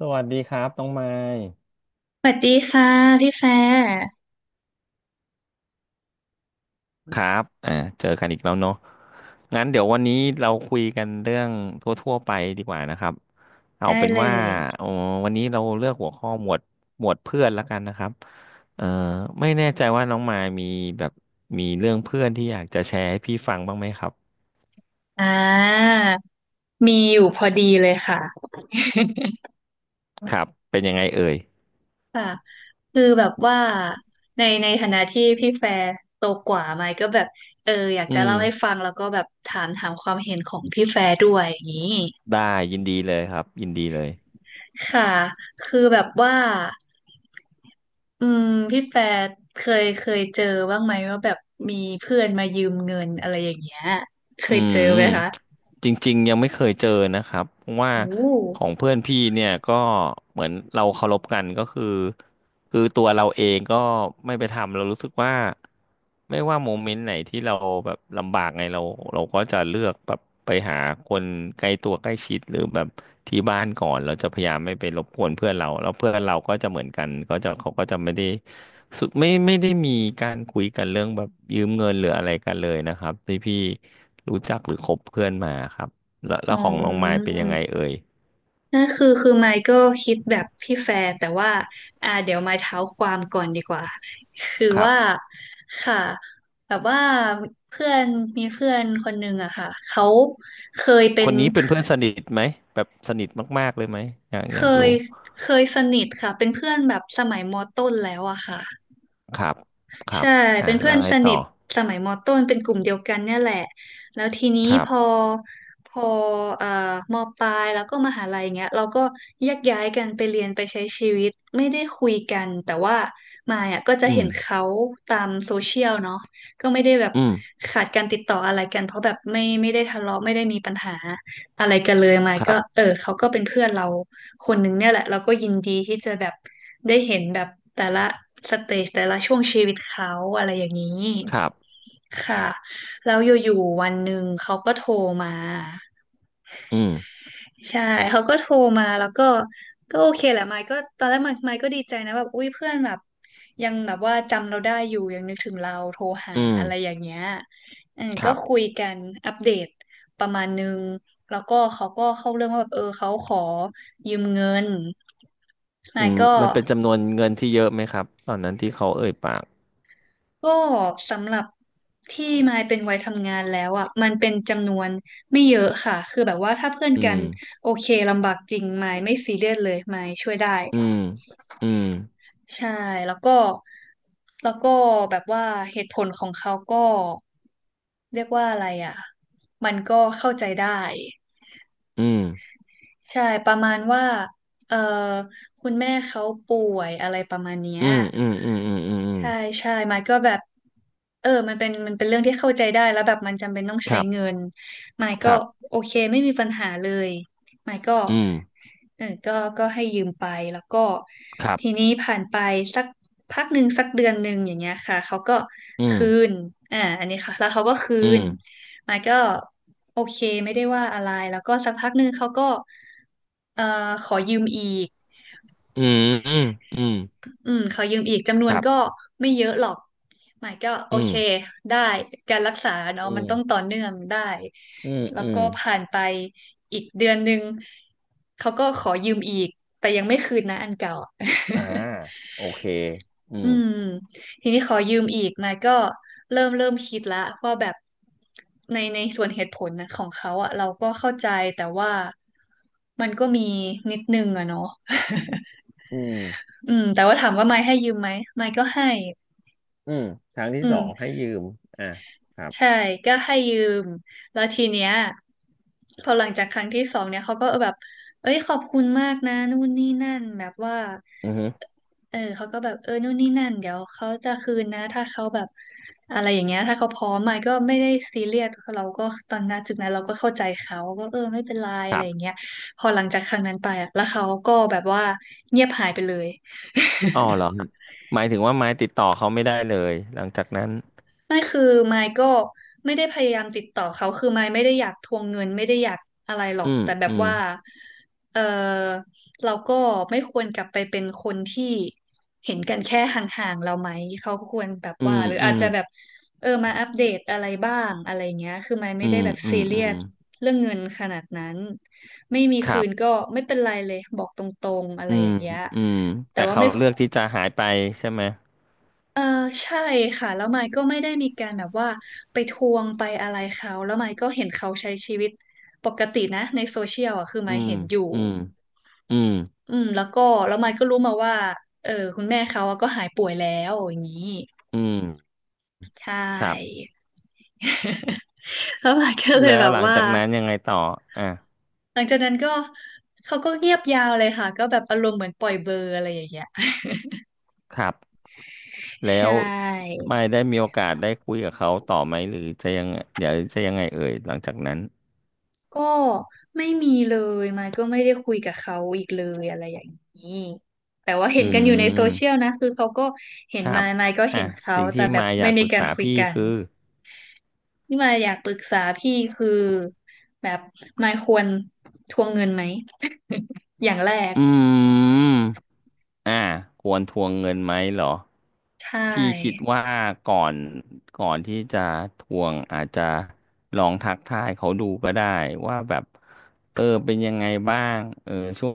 สวัสดีครับน้องไมค์สวัสดีค่ะพี่แฟร์ครับเจอกันอีกแล้วเนาะงั้นเดี๋ยววันนี้เราคุยกันเรื่องทั่วๆไปดีกว่านะครับเอาได้เป็นเลว่ายเอ่อวันนี้เราเลือกหัวข้อหมวดเพื่อนละกันนะครับเอ่อไม่แน่ใจว่าน้องมายมีแบบมีเรื่องเพื่อนที่อยากจะแชร์ให้พี่ฟังบ้างไหมครับอ่ามีอยู่พอดีเลยค่ะครับเป็นยังไงเอ่ยค่ะคือแบบว่าในฐานะที่พี่แฟร์โตกว่าไหมก็แบบเอออยากอืจะมเล่าให้ฟังแล้วก็แบบถามความเห็นของพี่แฟร์ด้วยอย่างนี้ได้ยินดีเลยครับยินดีเลยค่ะคือแบบว่าอืมพี่แฟร์เคยเจอบ้างไหมว่าแบบมีเพื่อนมายืมเงินอะไรอย่างเงี้ยเคอืยเจอม ไหมคะจริงๆยังไม่เคยเจอนะครับเพราะว่าโอ้ของเพื่อนพี่เนี่ยก็เหมือนเราเคารพกันก็คือคือตัวเราเองก็ไม่ไปทำเรารู้สึกว่าไม่ว่าโมเมนต์ไหนที่เราแบบลำบากไงเราเราก็จะเลือกแบบไปหาคนใกล้ตัวใกล้ชิดหรือแบบที่บ้านก่อนเราจะพยายามไม่ไปรบกวนเพื่อนเราแล้วเพื่อนเราก็จะเหมือนกันก็จะเขาก็จะไม่ได้ สุดไม่ได้มีการคุยกันเรื่องแบบยืมเงินหรืออะไรกันเลยนะครับที่พี่รู้จักหรือคบเพื่อนมาครับแล้วอ๋อ แล้วของน้องมายเป็นยังไงเอ่ยนั่นคือไมค์ก็คิดแบบพี่แฟร์แต่ว่าเดี๋ยวไมค์เท้าความก่อนดีกว่าคือครับว่าค่ะแบบว่าเพื่อนมีเพื่อนคนหนึ่งอะค่ะเขาเคยเป็คนนนี้เป็นเพื่อนสนิทไหมแบบสนิทมากๆเลยไหมอยากเคอยากยรู้สนิทค่ะเป็นเพื่อนแบบสมัยมต้นแล้วอะค่ะ ครับครับใช่อ่าเป็นเพื่แล้อวนไงสนิต่อทสมัยมต้นเป็นกลุ่มเดียวกันเนี่ยแหละแล้วทีนี้ครัพอบพอเอ่อมปลายแล้วก็มหาลัยเงี้ยเราก็แยกย้ายกันไปเรียนไปใช้ชีวิตไม่ได้คุยกันแต่ว่ามายอ่ะก็จะอืเห็มนเขาตามโซเชียลเนาะก็ไม่ได้แบบอืมขาดการติดต่ออะไรกันเพราะแบบไม่ได้ทะเลาะไม่ได้มีปัญหาอะไรกันเลยมายคก็รับเออเขาก็เป็นเพื่อนเรา คนหนึ่งเนี่ยแหละเราก็ยินดีที่จะแบบได้เห็นแบบแต่ละสเตจแต่ละช่วงชีวิตเขาอะไรอย่างนี้ครับค่ะแล้วอยู่ๆวันหนึ่งเขาก็โทรมา อืมใช่เขาก็โทรมาแล้วก็ก็โอเคแหละไมค์ก็ตอนแรกไมค์ก็ดีใจนะแบบอุ้ยเพื่อนแบบยังแบบว่าจำเราได้อยู่ยังนึกถึงเราโทรหาอือะไรมอย่างเงี้ยเออคก็รับคุยกันอัปเดตประมาณนึงแล้วก็เขาก็เข้าเรื่องว่าแบบเออเขาขอยืมเงินไมอืค์มก็มันเป็นจำนวนเงินที่เยอะไหมครับตอนนั้นที่เขาเอ่ยปากก็สำหรับที่ไมค์เป็นวัยทำงานแล้วอ่ะมันเป็นจำนวนไม่เยอะค่ะคือแบบว่าถ้าเพื่อนอืกันมโอเคลำบากจริงไมค์ไม่ซีเรียสเลยไมค์ช่วยได้ อืมอืมใช่แล้วก็แล้วก็แบบว่าเหตุผลของเขาก็เรียกว่าอะไรอ่ะมันก็เข้าใจได้อืมใช่ประมาณว่าเออคุณแม่เขาป่วยอะไรประมาณเนี้ย อืมอืมอืมอืมอืมอืม ใช่ใช่ไมค์ก็แบบเออมันเป็นเรื่องที่เข้าใจได้แล้วแบบมันจำเป็นต้องคใช้รัเงิบนไมค์คก็รับโอเคไม่มีปัญหาเลยไมค์ก็อืมเออก็ให้ยืมไปแล้วก็ครับทีนี้ผ่านไปสักพักหนึ่งสักเดือนหนึ่งอย่างเงี้ยค่ะเขาก็อืมคืนอันนี้ค่ะแล้วเขาก็คือืมนไมค์ก็โอเคไม่ได้ว่าอะไรแล้วก็สักพักหนึ่งเขาก็เอ่อขอยืมอีก อืมอืมอืมอืมขอยืมอีกจำนวคนรัก็บไม่เยอะหรอกหมายก็โออืเคมได้การรักษาเนาะอืมันต้องต่มอเนื่องได้อืมแล้วอืมก็ผ่านไปอีกเดือนหนึ่งเขาก็ขอยืมอีกแต่ยังไม่คืนนะอันเก่าอ่าโอเคอือืมม ทีนี้ขอยืมอีกมาก็เริ่มคิดละว่าแบบในส่วนเหตุผลนะของเขาอะเราก็เข้าใจแต่ว่ามันก็มีนิดนึงอะเนาะ อืมอืมแต่ว่าถามว่าไมาให้ยืมไหมไมก็ให้อืมทางที่อืสองม ให้ยืมอ่าครับใช่ก็ให้ยืมแล้วทีเนี้ยพอหลังจากครั้งที่สองเนี่ยเขาก็แบบเอ้ยขอบคุณมากนะนู่นนี่นั่นแบบว่าอือฮึเออเขาก็แบบเออนู่นนี่นั่นเดี๋ยวเขาจะคืนนะถ้าเขาแบบอะไรอย่างเงี้ยถ้าเขาพร้อมมาก็ไม่ได้ซีเรียสเราก็ตอนนั้นจุดนั้นเราก็เข้าใจเขาก็เออไม่เป็นไรคอะรัไรอย่างบเงี้ยพอหลังจากครั้งนั้นไปอะแล้วเขาก็แบบว่าเงียบหายไปเลย อ๋อเหรอครับหมายถึงว่าไม้ติดต่อเขาไม่ได้เลยหลังจากนั้นไม่คือไมค์ก็ไม่ได้พยายามติดต่อเขาคือไมค์ไม่ได้อยากทวงเงินไม่ได้อยากอะไรหรออืกมแต่แบอืบมว่าเออเราก็ไม่ควรกลับไปเป็นคนที่เห็นกันแค่ห่างๆเราไหมเขาควรแบบอืว่ามหรืออือาจมจะแบบเออมาอัปเดตอะไรบ้างอะไรเงี้ยคือไมค์ไม่อืได้มแบบอืซีมเรีอืยมสเรื่องเงินขนาดนั้นไม่มีคคืรันบก็ไม่เป็นไรเลยบอกตรงๆอะไรอือมย่างเงี้ยอืมแต่แต่ว่าเขาไม่ เลือกที่จะหายไปใช่ไหมเออใช่ค่ะแล้วไมค์ก็ไม่ได้มีการแบบว่าไปทวงไปอะไรเขาแล้วไมค์ก็เห็นเขาใช้ชีวิตปกตินะในโซเชียลอ่ะคือไมอืค์มเห็นอยู่อืมอืมอืมแล้วก็แล้วไมค์ก็รู้มาว่าเออคุณแม่เขาอะก็หายป่วยแล้วอย่างนี้อืมใชครั่ บ แล้วไมค์ก็เลแล้ยวแบบหลังว่าจากนั้นยังไงต่ออ่ะหลังจากนั้นก็เขาก็เงียบยาวเลยค่ะก็แบบอารมณ์เหมือนปล่อยเบอร์อะไรอย่างเงี้ย ครับ แล้ใชว่ ไม่ได้มีโอกาสได้คุยกับเขาต่อไหมหรือจะยังเดี๋ยวจะยังไงเอ่ยหลังจากนั้นก็ไม่มีเลยมายก็ไม่ได้คุยกับเขาอีกเลยอะไรอย่างนี้แต่ว่าอืเห็นกันอยู่ในโซเชียลมนะคือเขาก็เห็คนรัมาบยก็อ่ะเห็นเขาสิ่งแต่ที่แบบมาอไม่ยากมีปรึกการษาคุยพี่กันคือนี่มายอยากปรึกษาพี่คือแบบมายควรทวงเงินไหม อย่างแรกอืมอ่ะควรทวงเงินไหมเหรอใชพี่คิด่ว่าก่อนก่อนที่จะทวงอาจจะลองทักทายเขาดูก็ได้ว่าแบบเออเป็นยังไงบ้างเออช่วง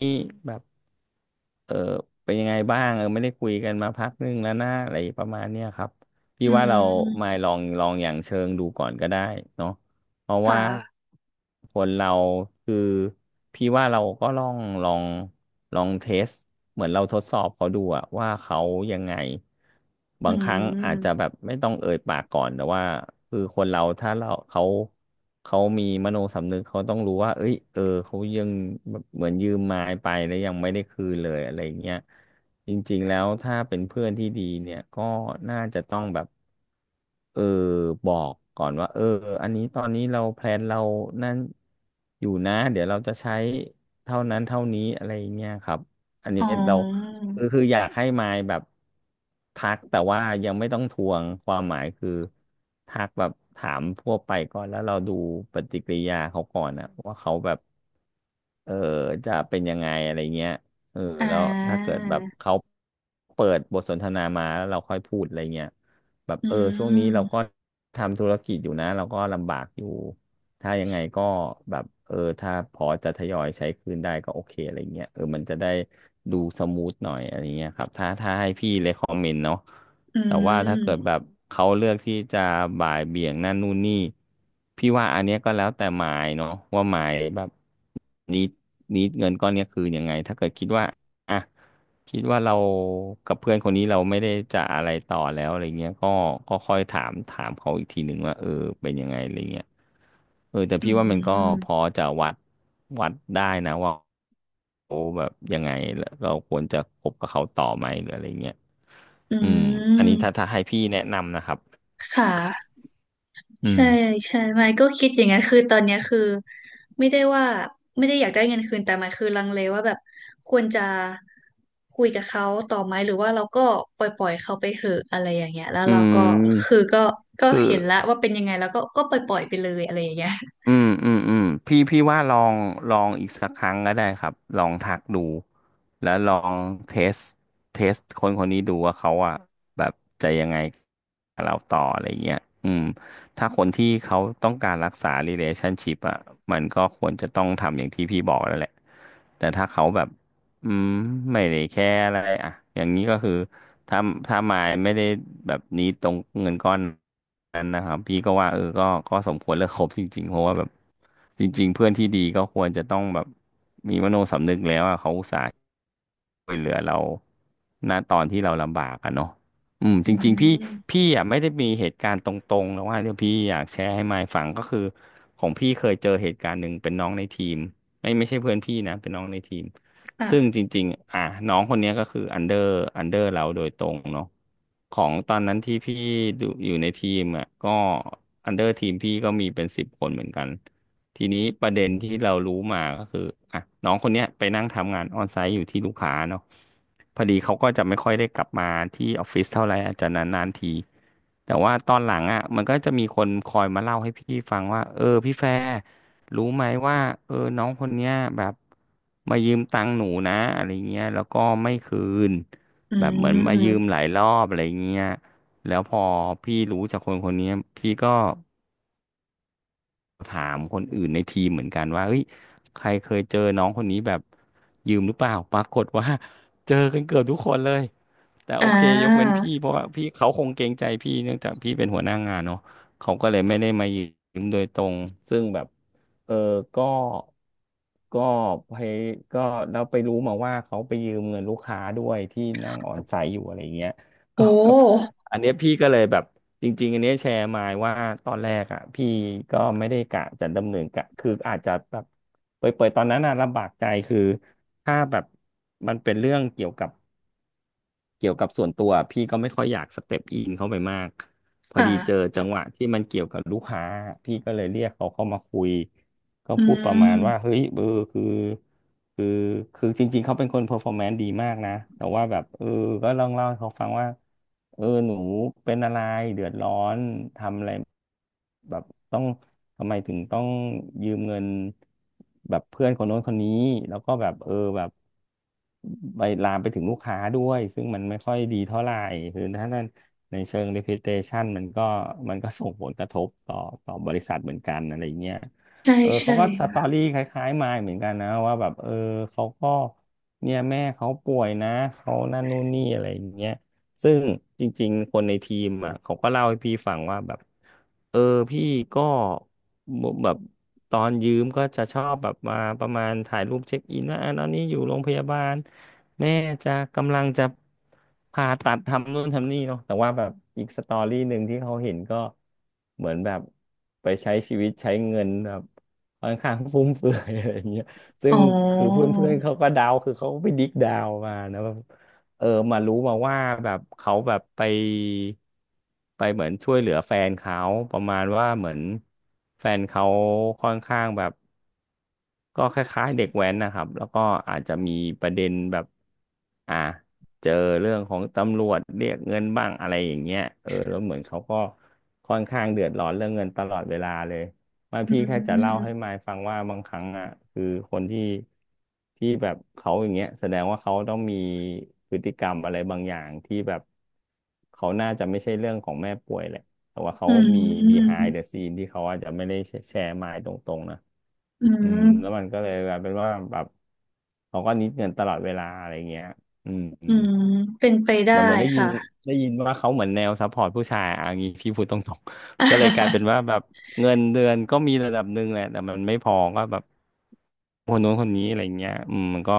นี้แบบ เออเป็นยังไงบ้างเออไม่ได้คุยกันมาพักนึงแล้วนะอะไรประมาณเนี้ยครับพี่อืว่าเรามามลองอย่างเชิงดูก่อนก็ได้เนาะ เพราะคว่า่ะคนเราคือพี่ว่าเราก็ลองลองเทสเหมือนเราทดสอบเขาดูอะว่าเขายังไงอืบางครั้งอาจจะแบมบไม่ต้องเอ่ยปากก่อนแต่ว่าคือคนเราถ้าเราเขามีมโนสำนึกเขาต้องรู้ว่าเอ้ยเออเขายังแบบเหมือนยืมมาไปแล้วยังไม่ได้คืนเลยอะไรเงี้ย จริงๆแล้วถ้าเป็นเพื่อนที่ดีเนี่ยก็น่าจะต้องแบบเออบอกก่อนว่าเอออันนี้ตอนนี้เราแพลนเรานั่นอยู่นะเดี๋ยวเราจะใช้เท่านั้นเท่านี้อะไรเงี้ยครับอันอ๋นี้อเราคืออยากให้มายแบบทักแต่ว่ายังไม่ต้องทวงความหมายคือทักแบบถามทั่วไปก่อนแล้วเราดูปฏิกิริยาเขาก่อนนะว่าเขาแบบเออจะเป็นยังไงอะไรเงี้ย เอออ่แล้วถ้าาเกิดแบบเขาเปิดบทสนทนามาแล้วเราค่อยพูดอะไรเงี้ยแบบอืเออช่วงนี้มเราก็ทำธุรกิจอยู่นะเราก็ลำบากอยู่ถ้ายังไงก็แบบเออถ้าพอจะทยอยใช้คืนได้ก็โอเคอะไรเงี้ยเออมันจะได้ดูสมูทหน่อยอะไรเงี้ยครับถ้าให้พี่เลคอมเมนต์เนาะอืแต่ว่าถ้าเกิดมแบบเขาเลือกที่จะบ่ายเบี่ยงนั่นนู่นนี่พี่ว่าอันเนี้ยก็แล้วแต่หมายเนาะว่าหมายแบบ นี้นี้เงินก้อนเนี้ยคือยังไงถ้าเกิดคิดว่าอ่ะคิดว่าเรากับเพื่อนคนนี้เราไม่ได้จะอะไรต่อแล้วอะไรเงี้ยก็ก็ค่อยถามเขาอีกทีหนึ่งว่าเออเป็นยังไงอะไรเงี้ยเออแต่อืพี่ว่ามันก็พมอจะวัดวัดได้นะว่าแบบยังไงแล้วเราควรจะคบกับเขาต่อไหมหรืออะไรเงี้ยอือืมอันนี้ถ้ามถ้าให้พี่แนะนำนะครับค่ะ อืใช่มใช่ไม่ก็คิดอย่างนั้นคือตอนเนี้ยคือไม่ได้ว่าไม่ได้อยากได้เงินคืนแต่หมายคือลังเลว่าแบบควรจะคุยกับเขาต่อไหมหรือว่าเราก็ปล่อยเขาไปเถอะอะไรอย่างเงี้ยแล้วอืเราก็คือมก็คือ เห็นแล้วว่าเป็นยังไงแล้วก็ปล่อยไปเลยอะไรอย่างเงี้ยอืมอืมอืมพี่ว่าลองลองอีกสักครั้งก็ได้ครับลองทักดูแล้วลองเทสเทสคนคนนี้ดูว่าเขาอ่ะแบบจะยังไงกับเราต่ออะไรเงี้ยอืมถ้าคนที่เขาต้องการรักษา relationship อ่ะมันก็ควรจะต้องทำอย่างที่พี่บอกแล้วแหละแต่ถ้าเขาแบบอืมไม่ได้แค่อะไรอ่ะอย่างนี้ก็คือถ้าถ้ามายไม่ได้แบบนี้ตรงเงินก้อน นั้นนะครับพี่ก็ว่าเออก็สมควรเลิก คบจริงๆเพราะว่าแบบจริงๆเพื่อนที่ดีก็ควรจะต้องแบบมีมโนสำนึกแล้วอ่ะเขาอุตส่าห์ช่วยเหลือเราณตอนที่เราลำบากอะเนาะอืมอืจริงๆพี่มพี่อ่ะไม่ได้มีเหตุการณ์ตรงๆแล้วว่าเดี๋ยวพี่อยากแชร์ให้มายฟังก็คือของพี่เคยเจอเหตุการณ์หนึ่งเป็นน้องในทีมไม่ใช่เพื่อนพี่นะเป็นน้องในทีม ซึ่งค่ะจริงๆอ่ะน้องคนเนี้ยก็คืออันเดอร์เราโดยตรงเนาะของตอนนั้นที่พี่ดูอยู่ในทีมอ่ะก็อันเดอร์ทีมพี่ก็มีเป็นสิบคนเหมือนกันทีนี้ประเด็นที่เรารู้มาก็คืออ่ะน้องคนเนี้ยไปนั่งทำงานออนไซต์อยู่ที่ลูกค้าเนาะพอดีเขาก็จะไม่ค่อยได้กลับมาที่ออฟฟิศเท่าไหร่อาจจะนานๆทีแต่ว่าตอนหลังอ่ะมันก็จะมีคนคอยมาเล่าให้พี่ฟังว่าเออพี่แฟร์ รู้ไหมว่าเออน้องคนเนี้ยแบบมายืมตังค์หนูนะอะไรเงี้ยแล้วก็ไม่คืนอืแบบเหมือนมายืมมหลายรอบอะไรเงี้ยแล้วพอพี่รู้จากคนเนี้ยพี่ก็ ถามคนอื่นในทีมเหมือนกันว่าเฮ้ยใครเคยเจอน้องคนนี้แบบยืมหรือเปล่าปรากฏว่า เจอกันเกือบทุกคนเลยแต่โออ่เคยกเว้นาพี่เพราะว่าพี่เขาคงเกรงใจพี่เนื่องจากพี่เป็นหัวหน้างานเนาะเขาก็เลยไม่ได้มายืมโดยตรงซึ่งแบบเออก็ก็ไปก็เราไปรู้มาว่าเขาไปยืมเงินลูกค้าด้วยที่นั่งอ่อนใสอยู่อะไรเงี้ย โก็แบบหอันเนี้ยพี่ก็เลยแบบจริงๆอันเนี้ยแชร์มาว่าตอนแรกอ่ะพี่ก็ไม่ได้กะจะดำเนินกะคืออาจจะแบบเปิดๆตอนนั้นน่ะลำบากใจคือถ้าแบบมันเป็นเรื่องเกี่ยวกับส่วนตัวพี่ก็ไม่ค่อยอยากสเต็ปอินเข้าไปมากพคอดีเจอ่ะจังหวะที่มันเกี่ยวกับลูกค้าพี่ก็เลยเรียกเขาเข้ามาคุย ก็อืพูดประมาณว่ามเฮ้ยเออคือคือคือจริงๆเขาเป็นคนเพอร์ฟอร์แมนซ์ดีมากนะแต่ว่าแบบเออก็ลองเล่าให้เขาฟังว่าเออหนูเป็นอะไรเดือดร้อนทำอะไรแบบต้องทำไมถึงต้องยืมเงินแบบเพื่อนคนโน้นคนนี้แล้วก็แบบเออแบบไปลามไปถึงลูกค้าด้วยซึ่งมันไม่ค่อยดีเท่าไหร่คือถ้านั้นในเชิง reputation มันก็ส่งผลกระทบต่อต่อบริษัทเหมือนกันอะไรเงี้ย ใช่เออเขาใช่ก็สตอรี่คล้ายๆมายเหมือนกันนะว่าแบบเออเขาก็เนี่ยแม่เขาป่วยนะเขานั่นนู่นนี่อะไรอย่างเงี้ยซึ่งจริงๆคนในทีมอ่ะเขาก็เล่าให้พี่ฟังว่าแบบเออพี่ก็แบบตอนยืมก็จะชอบแบบมาประมาณถ่ายรูปเช็คอินว่าอ่ะตอนนี้อยู่โรงพยาบาลแม่จะกำลังจะผ่าตัดทำนู่นทำนี่เนาะแต่ว่าแบบอีกสตอรี่หนึ่งที่เขาเห็นก็เหมือนแบบไปใช้ชีวิตใช้เงินแบบ ค่อนข้างฟุ่มเฟือย อะไรอย่างเงี้ยซึ่อ๋องคือเพื่อนๆเขาก็เดาคือเขาก็ไปดิกเดาวมานะแบเออมารู้มาว่าแบบเขาแบบไปเหมือนช่วยเหลือแฟนเขาประมาณว่าเหมือนแฟนเขาค่อนข้างแบบ ก็คล้ายๆเด็กแว้นนะครับแล้วก็อาจจะมีประเด็นแบบอ่าเจอเรื่องของตำรวจเรียกเงินบ้างอะไรอย่างเงี้ยเออแล้วเหมือนเขาก็ค่อนข้างเดือดร้อนเรื่องเงินตลอดเวลาเลยมายอืพี่แค่จะเล่าให้มมายฟังว่าบางครั้งอ่ะคือคนที่แบบเขาอย่างเงี้ยแสดงว่าเขาต้องมีพฤติกรรมอะไรบางอย่างที่แบบเขาน่าจะไม่ใช่เรื่องของแม่ป่วยแหละแต่ว่าเขาอืมี ม behind the scene ที่เขาอาจจะไม่ได้แชร์มายตรงๆนะ อือืมแล้วมัม นก็เลยกลายเป็นว่าแบบเขาก็นิดเงินตลอดเวลาอะไรเงี้ยอืมอือืมมเป็นไปได้เหมือนได้ยิค่ะ นได้ยินว่าเขาเหมือนแนวซัพพอร์ตผู้ชายอ่ะอย่างงี้พี่พูดตรงๆ ก็เลยกลายเป็นว่า แบบเงินเดือนก็มีระดับหนึ่งแหละแต่มันไม่พอก็แบบคนนู้นคนนี้อะไรเงี้ยอืมมันก็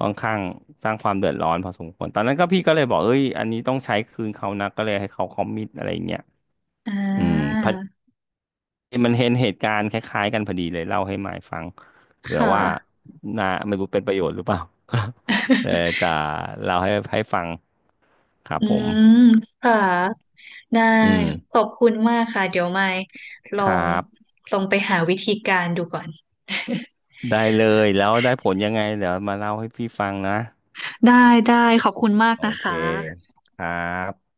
ค่อนข้างสร้างความเดือดร้อนพอสมควรตอนนั้นก็พี่ก็เลยบอกเอ้ยอันนี้ต้องใช้คืนเขานะก็เลยให้เขาคอมมิตอะไรเงี้ยอ่อืม ามันเห็นเหตุการณ์คล้ายๆกันพอดีเลยเล่าให้มายฟังเผื่อค่ะ ว่านาไม่รู้เป็นประโยชน์หรือเปล่า เดี๋ยว จะเล่าให้ให้ฟังครับอืผมมค่ะได้อืมขอบคุณมากค่ะเดี๋ยวไม่ลคอรังบไปหาวิธีการดูก่อนได้เลยแล้วได้ผลยังไงเดี๋ยวมาเล่าให้พี่ฟังนะได้ได้ขอบคุณมากโอนะเคคะครับ